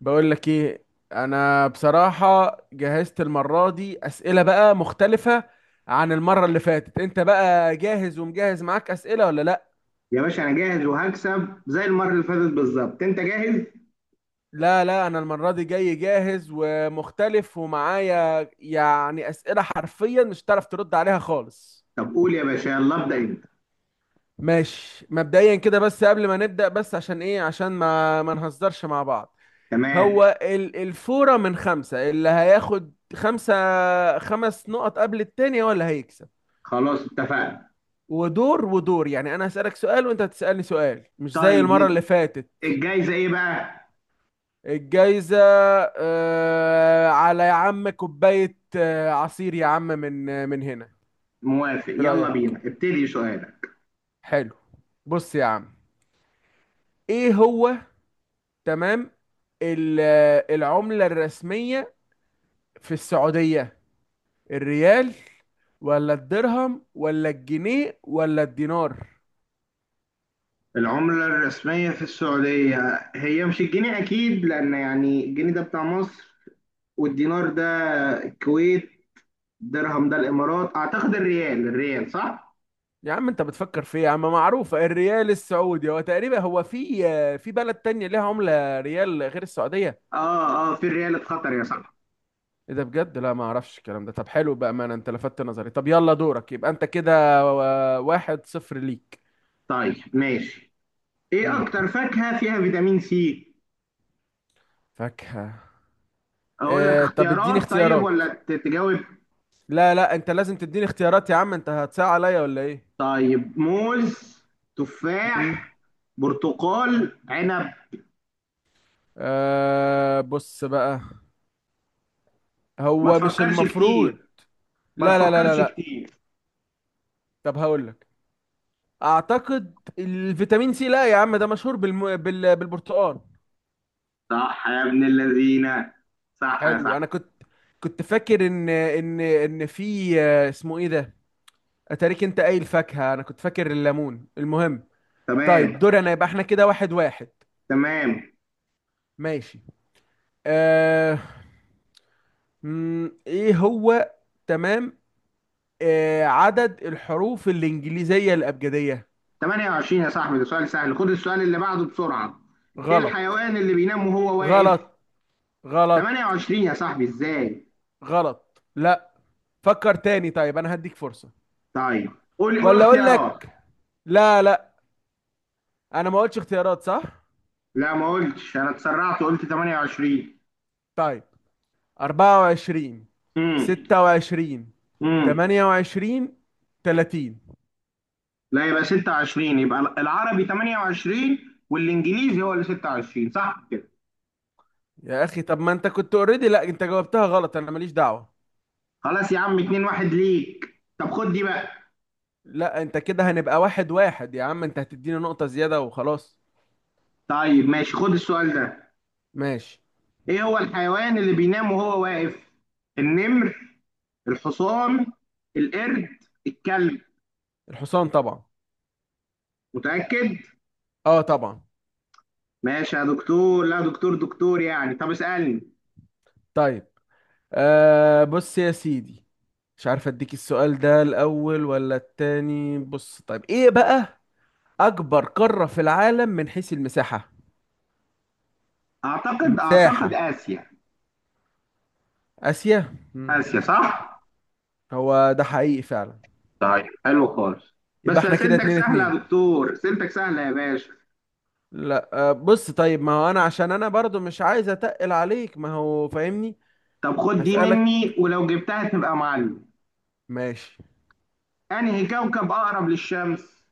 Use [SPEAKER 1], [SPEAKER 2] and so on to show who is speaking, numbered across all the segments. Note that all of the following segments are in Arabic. [SPEAKER 1] بقول لك ايه. انا بصراحة جهزت المرة دي اسئلة بقى مختلفة عن المرة اللي فاتت. انت بقى جاهز ومجهز معاك اسئلة ولا لا؟
[SPEAKER 2] يا باشا انا جاهز وهكسب زي المره اللي فاتت بالظبط. انت جاهز؟
[SPEAKER 1] لا لا، انا المرة دي جاي جاهز ومختلف ومعايا يعني اسئلة حرفيا مش هتعرف ترد عليها خالص.
[SPEAKER 2] طب قول يا باشا، يلا ابدا انت.
[SPEAKER 1] ماشي، مبدئيا كده، بس قبل ما نبدأ، بس عشان ايه، عشان ما نهزرش مع بعض.
[SPEAKER 2] تمام.
[SPEAKER 1] هو الفورة من خمسة، اللي هياخد خمسة خمس نقط قبل التانية ولا هيكسب؟
[SPEAKER 2] خلاص اتفقنا.
[SPEAKER 1] ودور يعني، انا هسألك سؤال وانت هتسألني سؤال، مش زي
[SPEAKER 2] طيب
[SPEAKER 1] المرة اللي فاتت.
[SPEAKER 2] الجايزه ايه بقى؟
[SPEAKER 1] الجايزة على يا عم، كوباية عصير يا عم من من هنا.
[SPEAKER 2] موافق،
[SPEAKER 1] ايه
[SPEAKER 2] يلا
[SPEAKER 1] رأيك؟
[SPEAKER 2] بينا ابتدي سؤالك.
[SPEAKER 1] حلو. بص يا عم، ايه هو؟ تمام. العملة الرسمية في السعودية، الريال ولا الدرهم ولا الجنيه ولا الدينار؟
[SPEAKER 2] العملة الرسمية في السعودية هي مش الجنيه أكيد، لأن يعني الجنيه ده بتاع مصر، والدينار ده الكويت، درهم ده الإمارات. أعتقد الريال، الريال صح؟
[SPEAKER 1] يا عم انت بتفكر في ايه يا عم؟ معروفة، الريال السعودي. هو تقريبا، هو في بلد تانية ليها عملة ريال غير السعودية؟
[SPEAKER 2] آه آه، في الريال اتخطر يا صاحبي.
[SPEAKER 1] ايه ده بجد؟ لا، ما اعرفش الكلام ده. طب حلو، بأمانة انت لفتت نظري. طب يلا دورك، يبقى انت كده واحد صفر ليك.
[SPEAKER 2] طيب ماشي. إيه
[SPEAKER 1] امم
[SPEAKER 2] أكتر فاكهة فيها فيتامين سي؟
[SPEAKER 1] فاكهة.
[SPEAKER 2] اقول لك
[SPEAKER 1] اه طب اديني
[SPEAKER 2] اختيارات طيب
[SPEAKER 1] اختيارات.
[SPEAKER 2] ولا تجاوب؟
[SPEAKER 1] لا لا، انت لازم تديني اختيارات يا عم، انت هتساعد عليا ولا ايه؟
[SPEAKER 2] طيب، موز،
[SPEAKER 1] امم
[SPEAKER 2] تفاح، برتقال، عنب.
[SPEAKER 1] اه بص بقى،
[SPEAKER 2] ما
[SPEAKER 1] هو مش
[SPEAKER 2] تفكرش
[SPEAKER 1] المفروض.
[SPEAKER 2] كتير. ما
[SPEAKER 1] لا لا لا لا
[SPEAKER 2] تفكرش
[SPEAKER 1] لا.
[SPEAKER 2] كتير.
[SPEAKER 1] طب هقول لك، اعتقد الفيتامين سي، لا يا عم، ده مشهور بالبرتقال.
[SPEAKER 2] صح يا ابن اللذينه، صح يا
[SPEAKER 1] حلو.
[SPEAKER 2] صاحبي.
[SPEAKER 1] انا كنت، كنت فاكر ان في، اسمه ايه ده، اتاريك انت قايل فاكهة، انا كنت فاكر الليمون. المهم، طيب
[SPEAKER 2] تمام.
[SPEAKER 1] دور انا، يبقى احنا كده واحد واحد.
[SPEAKER 2] تمام.
[SPEAKER 1] ماشي. آه... ايه هو. تمام. عدد الحروف الانجليزية الابجدية.
[SPEAKER 2] 28 يا صاحبي، ده سؤال سهل، خد السؤال اللي بعده بسرعه. ايه
[SPEAKER 1] غلط.
[SPEAKER 2] الحيوان اللي بينام وهو واقف؟
[SPEAKER 1] غلط. غلط.
[SPEAKER 2] 28 يا صاحبي ازاي؟
[SPEAKER 1] غلط. لا، فكر تاني، طيب انا هديك فرصة.
[SPEAKER 2] طيب قول قول
[SPEAKER 1] ولا اقول
[SPEAKER 2] اختيارات.
[SPEAKER 1] لك؟ لا لا، انا ما قلتش اختيارات صح.
[SPEAKER 2] لا ما قلتش، انا اتسرعت وقلت 28.
[SPEAKER 1] طيب، 24،
[SPEAKER 2] امم
[SPEAKER 1] 26،
[SPEAKER 2] امم
[SPEAKER 1] 28، 30.
[SPEAKER 2] لا يبقى 26. يبقى العربي 28 والانجليزي هو اللي 26، صح كده؟
[SPEAKER 1] يا اخي طب ما انت كنت اوريدي، لا انت جاوبتها غلط، انا ماليش دعوة.
[SPEAKER 2] خلاص يا عم، 2-1 ليك. طب خد دي بقى.
[SPEAKER 1] لا، انت كده هنبقى واحد واحد يا عم، انت هتديني نقطة زيادة وخلاص.
[SPEAKER 2] طيب ماشي، خد السؤال ده.
[SPEAKER 1] ماشي.
[SPEAKER 2] ايه هو الحيوان اللي بينام وهو واقف؟ النمر، الحصان، القرد، الكلب.
[SPEAKER 1] الحصان طبعا.
[SPEAKER 2] متأكد؟
[SPEAKER 1] اه طبعا.
[SPEAKER 2] ماشي يا دكتور، لا دكتور دكتور يعني. طب اسألني.
[SPEAKER 1] طيب، بص يا سيدي، مش عارف اديك السؤال ده الاول ولا التاني. بص طيب، ايه بقى؟ أكبر قارة في العالم من حيث المساحة.
[SPEAKER 2] اعتقد
[SPEAKER 1] المساحة.
[SPEAKER 2] آسيا.
[SPEAKER 1] آسيا. مم.
[SPEAKER 2] آسيا صح.
[SPEAKER 1] هو ده حقيقي فعلا.
[SPEAKER 2] طيب حلو خالص.
[SPEAKER 1] يبقى
[SPEAKER 2] بس
[SPEAKER 1] احنا كده
[SPEAKER 2] اسئلتك
[SPEAKER 1] اتنين
[SPEAKER 2] سهلة
[SPEAKER 1] اتنين.
[SPEAKER 2] يا دكتور، اسئلتك سهلة يا باشا.
[SPEAKER 1] لا، بص طيب، ما هو أنا عشان أنا برضو مش عايز أتقل عليك، ما هو فاهمني.
[SPEAKER 2] طب خد دي
[SPEAKER 1] هسألك.
[SPEAKER 2] مني، ولو جبتها تبقى معلم.
[SPEAKER 1] ماشي.
[SPEAKER 2] انهي كوكب اقرب للشمس؟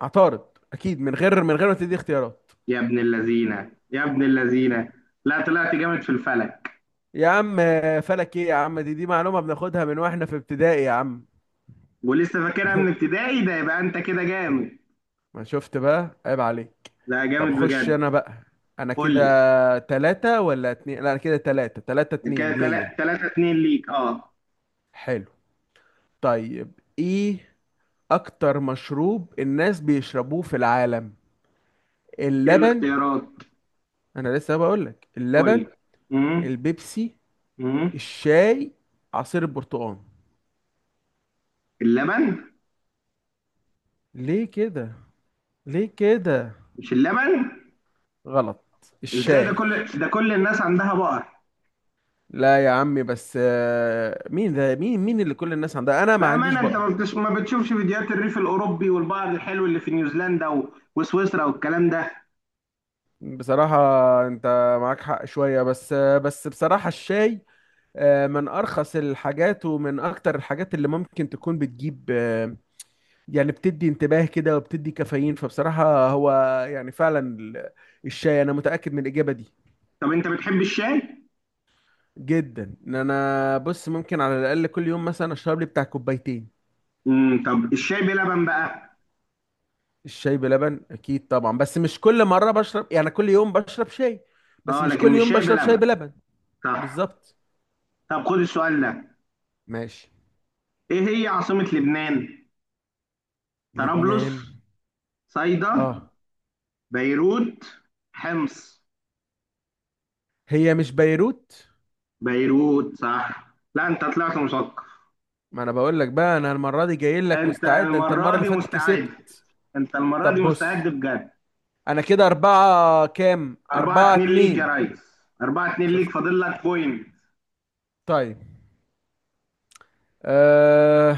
[SPEAKER 1] عطارد أكيد، من غير ما تدي اختيارات.
[SPEAKER 2] يا ابن اللذينه، يا ابن اللذينه، لا طلعت جامد في الفلك.
[SPEAKER 1] يا عم فلك إيه يا عم، دي معلومة بناخدها من وإحنا في ابتدائي يا عم.
[SPEAKER 2] ولسه فاكرها من ابتدائي؟ ده يبقى انت كده جامد.
[SPEAKER 1] ما شفت بقى، عيب عليك.
[SPEAKER 2] ده
[SPEAKER 1] طب
[SPEAKER 2] جامد
[SPEAKER 1] خش
[SPEAKER 2] بجد.
[SPEAKER 1] أنا بقى. أنا
[SPEAKER 2] قول لي.
[SPEAKER 1] كده تلاتة ولا اتنين؟ لا، أنا كده تلاتة
[SPEAKER 2] ده كده
[SPEAKER 1] اتنين ليا.
[SPEAKER 2] تلاتة اتنين ليك، اه.
[SPEAKER 1] حلو. طيب، ايه اكتر مشروب الناس بيشربوه في العالم؟
[SPEAKER 2] ايه
[SPEAKER 1] اللبن،
[SPEAKER 2] الاختيارات؟
[SPEAKER 1] انا لسه بقولك:
[SPEAKER 2] قول لي.
[SPEAKER 1] اللبن،
[SPEAKER 2] امم
[SPEAKER 1] البيبسي،
[SPEAKER 2] امم
[SPEAKER 1] الشاي، عصير البرتقال.
[SPEAKER 2] اللبن.
[SPEAKER 1] ليه كده؟ ليه كده؟
[SPEAKER 2] مش اللبن.
[SPEAKER 1] غلط.
[SPEAKER 2] ازاي ده؟
[SPEAKER 1] الشاي.
[SPEAKER 2] كل ده كل الناس عندها بقر؟
[SPEAKER 1] لا يا عمي بس، مين ده مين مين اللي كل الناس عندها؟ انا ما عنديش
[SPEAKER 2] بأمانة، أنت
[SPEAKER 1] بقر.
[SPEAKER 2] ما بتشوفش فيديوهات الريف الأوروبي والبعض الحلو اللي في نيوزيلندا وسويسرا والكلام ده؟
[SPEAKER 1] بصراحة انت معاك حق شوية، بس بس بصراحة الشاي من ارخص الحاجات ومن اكتر الحاجات اللي ممكن تكون بتجيب، يعني بتدي انتباه كده وبتدي كافيين. فبصراحة هو يعني فعلا الشاي، انا متأكد من الإجابة دي.
[SPEAKER 2] طب أنت بتحب الشاي؟
[SPEAKER 1] جدا. انا بص، ممكن على الأقل كل يوم مثلا اشرب لي بتاع كوبايتين.
[SPEAKER 2] امم. طب الشاي بلبن بقى؟
[SPEAKER 1] الشاي بلبن اكيد طبعا، بس مش كل مرة بشرب، يعني كل يوم بشرب شاي بس
[SPEAKER 2] أه،
[SPEAKER 1] مش
[SPEAKER 2] لكن
[SPEAKER 1] كل
[SPEAKER 2] مش
[SPEAKER 1] يوم
[SPEAKER 2] شاي
[SPEAKER 1] بشرب شاي
[SPEAKER 2] بلبن.
[SPEAKER 1] بلبن.
[SPEAKER 2] صح.
[SPEAKER 1] بالظبط.
[SPEAKER 2] طب خد السؤال ده.
[SPEAKER 1] ماشي.
[SPEAKER 2] إيه هي عاصمة لبنان؟ طرابلس،
[SPEAKER 1] لبنان.
[SPEAKER 2] صيدا،
[SPEAKER 1] اه.
[SPEAKER 2] بيروت، حمص.
[SPEAKER 1] هي مش بيروت؟
[SPEAKER 2] بيروت صح. لا أنت طلعت مثقف.
[SPEAKER 1] ما انا بقول لك بقى، انا المرة دي جاي لك
[SPEAKER 2] أنت
[SPEAKER 1] مستعد، انت المرة
[SPEAKER 2] المرة
[SPEAKER 1] اللي
[SPEAKER 2] دي
[SPEAKER 1] فاتت
[SPEAKER 2] مستعد،
[SPEAKER 1] كسبت.
[SPEAKER 2] أنت المرة دي
[SPEAKER 1] طب
[SPEAKER 2] مستعد
[SPEAKER 1] بص،
[SPEAKER 2] بجد.
[SPEAKER 1] انا كده اربعة كام؟
[SPEAKER 2] 4
[SPEAKER 1] اربعة
[SPEAKER 2] 2 ليك يا
[SPEAKER 1] اتنين.
[SPEAKER 2] ريس، 4-2 ليك،
[SPEAKER 1] شفت.
[SPEAKER 2] فاضل لك بوينت.
[SPEAKER 1] طيب. أه...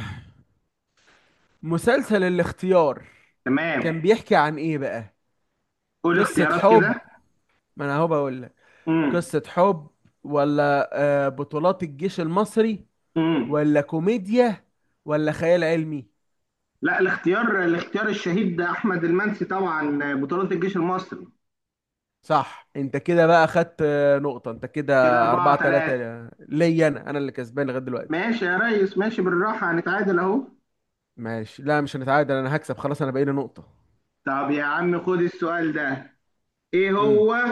[SPEAKER 1] مسلسل الاختيار
[SPEAKER 2] تمام.
[SPEAKER 1] كان بيحكي عن ايه بقى؟
[SPEAKER 2] قول
[SPEAKER 1] قصة
[SPEAKER 2] اختيارات
[SPEAKER 1] حب،
[SPEAKER 2] كده.
[SPEAKER 1] ما انا اهو بقول لك،
[SPEAKER 2] امم
[SPEAKER 1] قصة حب، ولا أه بطولات الجيش المصري،
[SPEAKER 2] امم
[SPEAKER 1] ولا كوميديا، ولا خيال علمي؟
[SPEAKER 2] لا، الاختيار، الاختيار الشهيد ده احمد المنسي، طبعا بطولة الجيش المصري.
[SPEAKER 1] صح. انت كده بقى خدت نقطة. انت كده
[SPEAKER 2] كده
[SPEAKER 1] اربعة
[SPEAKER 2] 4
[SPEAKER 1] تلاتة،
[SPEAKER 2] 3
[SPEAKER 1] ليا انا اللي كسبان لغاية دلوقتي.
[SPEAKER 2] ماشي يا ريس، ماشي، بالراحة هنتعادل اهو.
[SPEAKER 1] ماشي، لا مش هنتعادل، انا هكسب خلاص، انا بقالي نقطة.
[SPEAKER 2] طب يا عم خد السؤال ده. ايه
[SPEAKER 1] امم
[SPEAKER 2] هو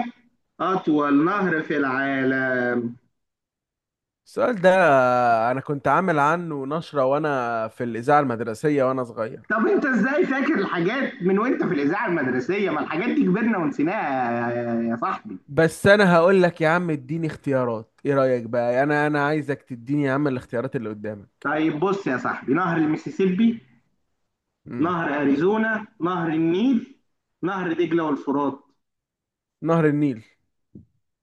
[SPEAKER 2] اطول نهر في العالم؟
[SPEAKER 1] السؤال ده انا كنت عامل عنه نشرة وانا في الإذاعة المدرسية وانا صغير.
[SPEAKER 2] طب انت ازاي فاكر الحاجات من وانت في الاذاعة المدرسية؟ ما الحاجات دي كبرنا ونسيناها يا صاحبي.
[SPEAKER 1] بس انا هقول لك يا عم، اديني اختيارات، ايه رأيك بقى؟ انا عايزك تديني يا عم الاختيارات اللي قدامك.
[SPEAKER 2] طيب بص يا صاحبي، نهر المسيسيبي،
[SPEAKER 1] امم
[SPEAKER 2] نهر اريزونا، نهر النيل، نهر دجله والفرات.
[SPEAKER 1] نهر النيل.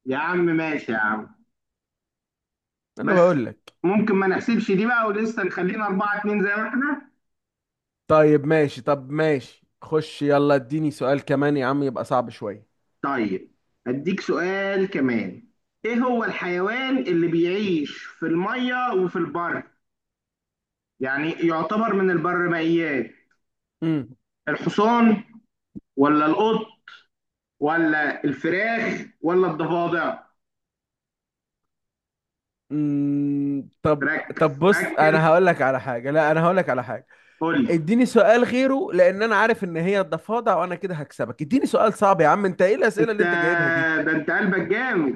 [SPEAKER 2] يا عم ماشي يا عم.
[SPEAKER 1] انا
[SPEAKER 2] بس
[SPEAKER 1] بقول لك.
[SPEAKER 2] ممكن ما نحسبش دي بقى، ولسه نخلينا 4-2 زي ما احنا.
[SPEAKER 1] طيب ماشي، طب ماشي خش يلا، اديني سؤال كمان يا عم يبقى صعب شوية.
[SPEAKER 2] طيب، اديك سؤال كمان. ايه هو الحيوان اللي بيعيش في المية وفي البر؟ يعني يعتبر من البرمائيات.
[SPEAKER 1] امم
[SPEAKER 2] الحصان، ولا القط، ولا الفراخ، ولا الضفادع؟
[SPEAKER 1] طب.
[SPEAKER 2] ركز
[SPEAKER 1] طب بص،
[SPEAKER 2] ركز.
[SPEAKER 1] انا هقول لك على حاجة، لا انا هقول لك على حاجة،
[SPEAKER 2] قول لي.
[SPEAKER 1] اديني سؤال غيره، لان انا عارف ان هي الضفادع وانا كده هكسبك، اديني سؤال صعب يا عم. انت ايه الاسئله
[SPEAKER 2] انت،
[SPEAKER 1] اللي انت جايبها دي؟
[SPEAKER 2] ده انت قلبك جامد.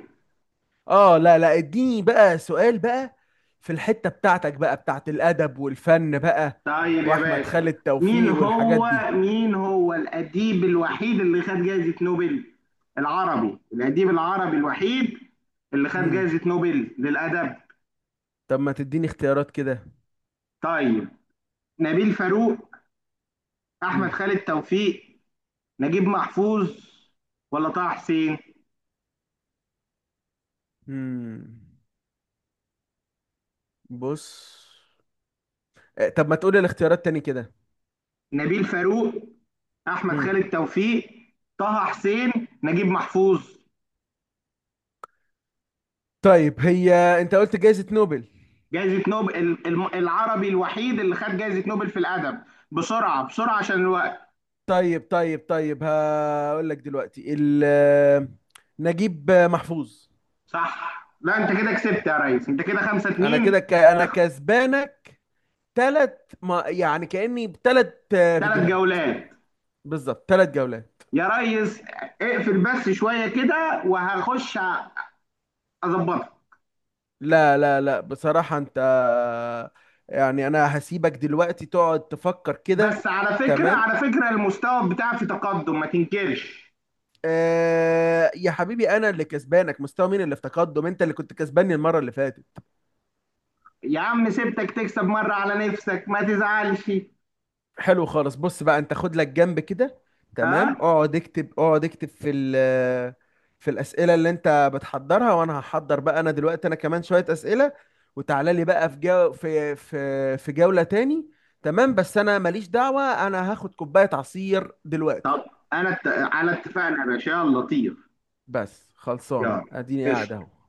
[SPEAKER 1] اه لا لا، اديني بقى سؤال بقى في الحته بتاعتك بقى، بتاعت الادب والفن بقى،
[SPEAKER 2] طيب يا
[SPEAKER 1] واحمد
[SPEAKER 2] باشا.
[SPEAKER 1] خالد
[SPEAKER 2] مين
[SPEAKER 1] توفيق والحاجات
[SPEAKER 2] هو،
[SPEAKER 1] دي.
[SPEAKER 2] مين هو الأديب الوحيد اللي خد جائزة نوبل، العربي، الأديب العربي الوحيد اللي خد
[SPEAKER 1] امم
[SPEAKER 2] جائزة نوبل للأدب؟
[SPEAKER 1] طب ما تديني اختيارات كده.
[SPEAKER 2] طيب، نبيل فاروق، أحمد
[SPEAKER 1] امم
[SPEAKER 2] خالد توفيق، نجيب محفوظ، ولا طه حسين؟
[SPEAKER 1] امم بص، طب ما تقولي الاختيارات تاني كده.
[SPEAKER 2] نبيل فاروق، أحمد خالد
[SPEAKER 1] امم
[SPEAKER 2] توفيق، طه حسين، نجيب محفوظ.
[SPEAKER 1] طيب هي، انت قلت جائزه نوبل.
[SPEAKER 2] جائزة نوبل، العربي الوحيد اللي خد جائزة نوبل في الأدب. بسرعة بسرعة عشان الوقت.
[SPEAKER 1] طيب طيب طيب، هقول لك دلوقتي، نجيب محفوظ.
[SPEAKER 2] صح، لا انت كده كسبت يا ريس، انت كده 5
[SPEAKER 1] انا
[SPEAKER 2] 2
[SPEAKER 1] كده انا كسبانك ثلاث، ما... يعني كأني بثلاث
[SPEAKER 2] ثلاث
[SPEAKER 1] فيديوهات.
[SPEAKER 2] جولات
[SPEAKER 1] بالظبط، ثلاث جولات.
[SPEAKER 2] يا ريس. اقفل بس شويه كده وهخش اظبطها.
[SPEAKER 1] لا لا لا، بصراحة انت، يعني انا هسيبك دلوقتي تقعد تفكر كده.
[SPEAKER 2] بس على فكره،
[SPEAKER 1] تمام.
[SPEAKER 2] على فكره المستوى بتاعي في تقدم، ما تنكرش.
[SPEAKER 1] يا حبيبي، انا اللي كسبانك، مستوى مين اللي في تقدم؟ انت اللي كنت كسباني المرة اللي فاتت.
[SPEAKER 2] يا عم سبتك تكسب مره على نفسك، ما تزعلش.
[SPEAKER 1] حلو خالص، بص بقى انت خد لك جنب كده.
[SPEAKER 2] ها
[SPEAKER 1] تمام،
[SPEAKER 2] أه؟
[SPEAKER 1] اقعد اكتب، اقعد اكتب في في الاسئله اللي انت بتحضرها، وانا هحضر بقى. انا دلوقتي انا كمان شويه اسئله، وتعالى لي بقى في جو في في في جوله تاني. تمام، بس انا ماليش دعوه، انا هاخد كوبايه عصير دلوقتي.
[SPEAKER 2] طب انا على اتفاقنا يا باشا، يلا طير.
[SPEAKER 1] بس خلصانه،
[SPEAKER 2] يلا.
[SPEAKER 1] اديني قاعد
[SPEAKER 2] قشطة.
[SPEAKER 1] اهو.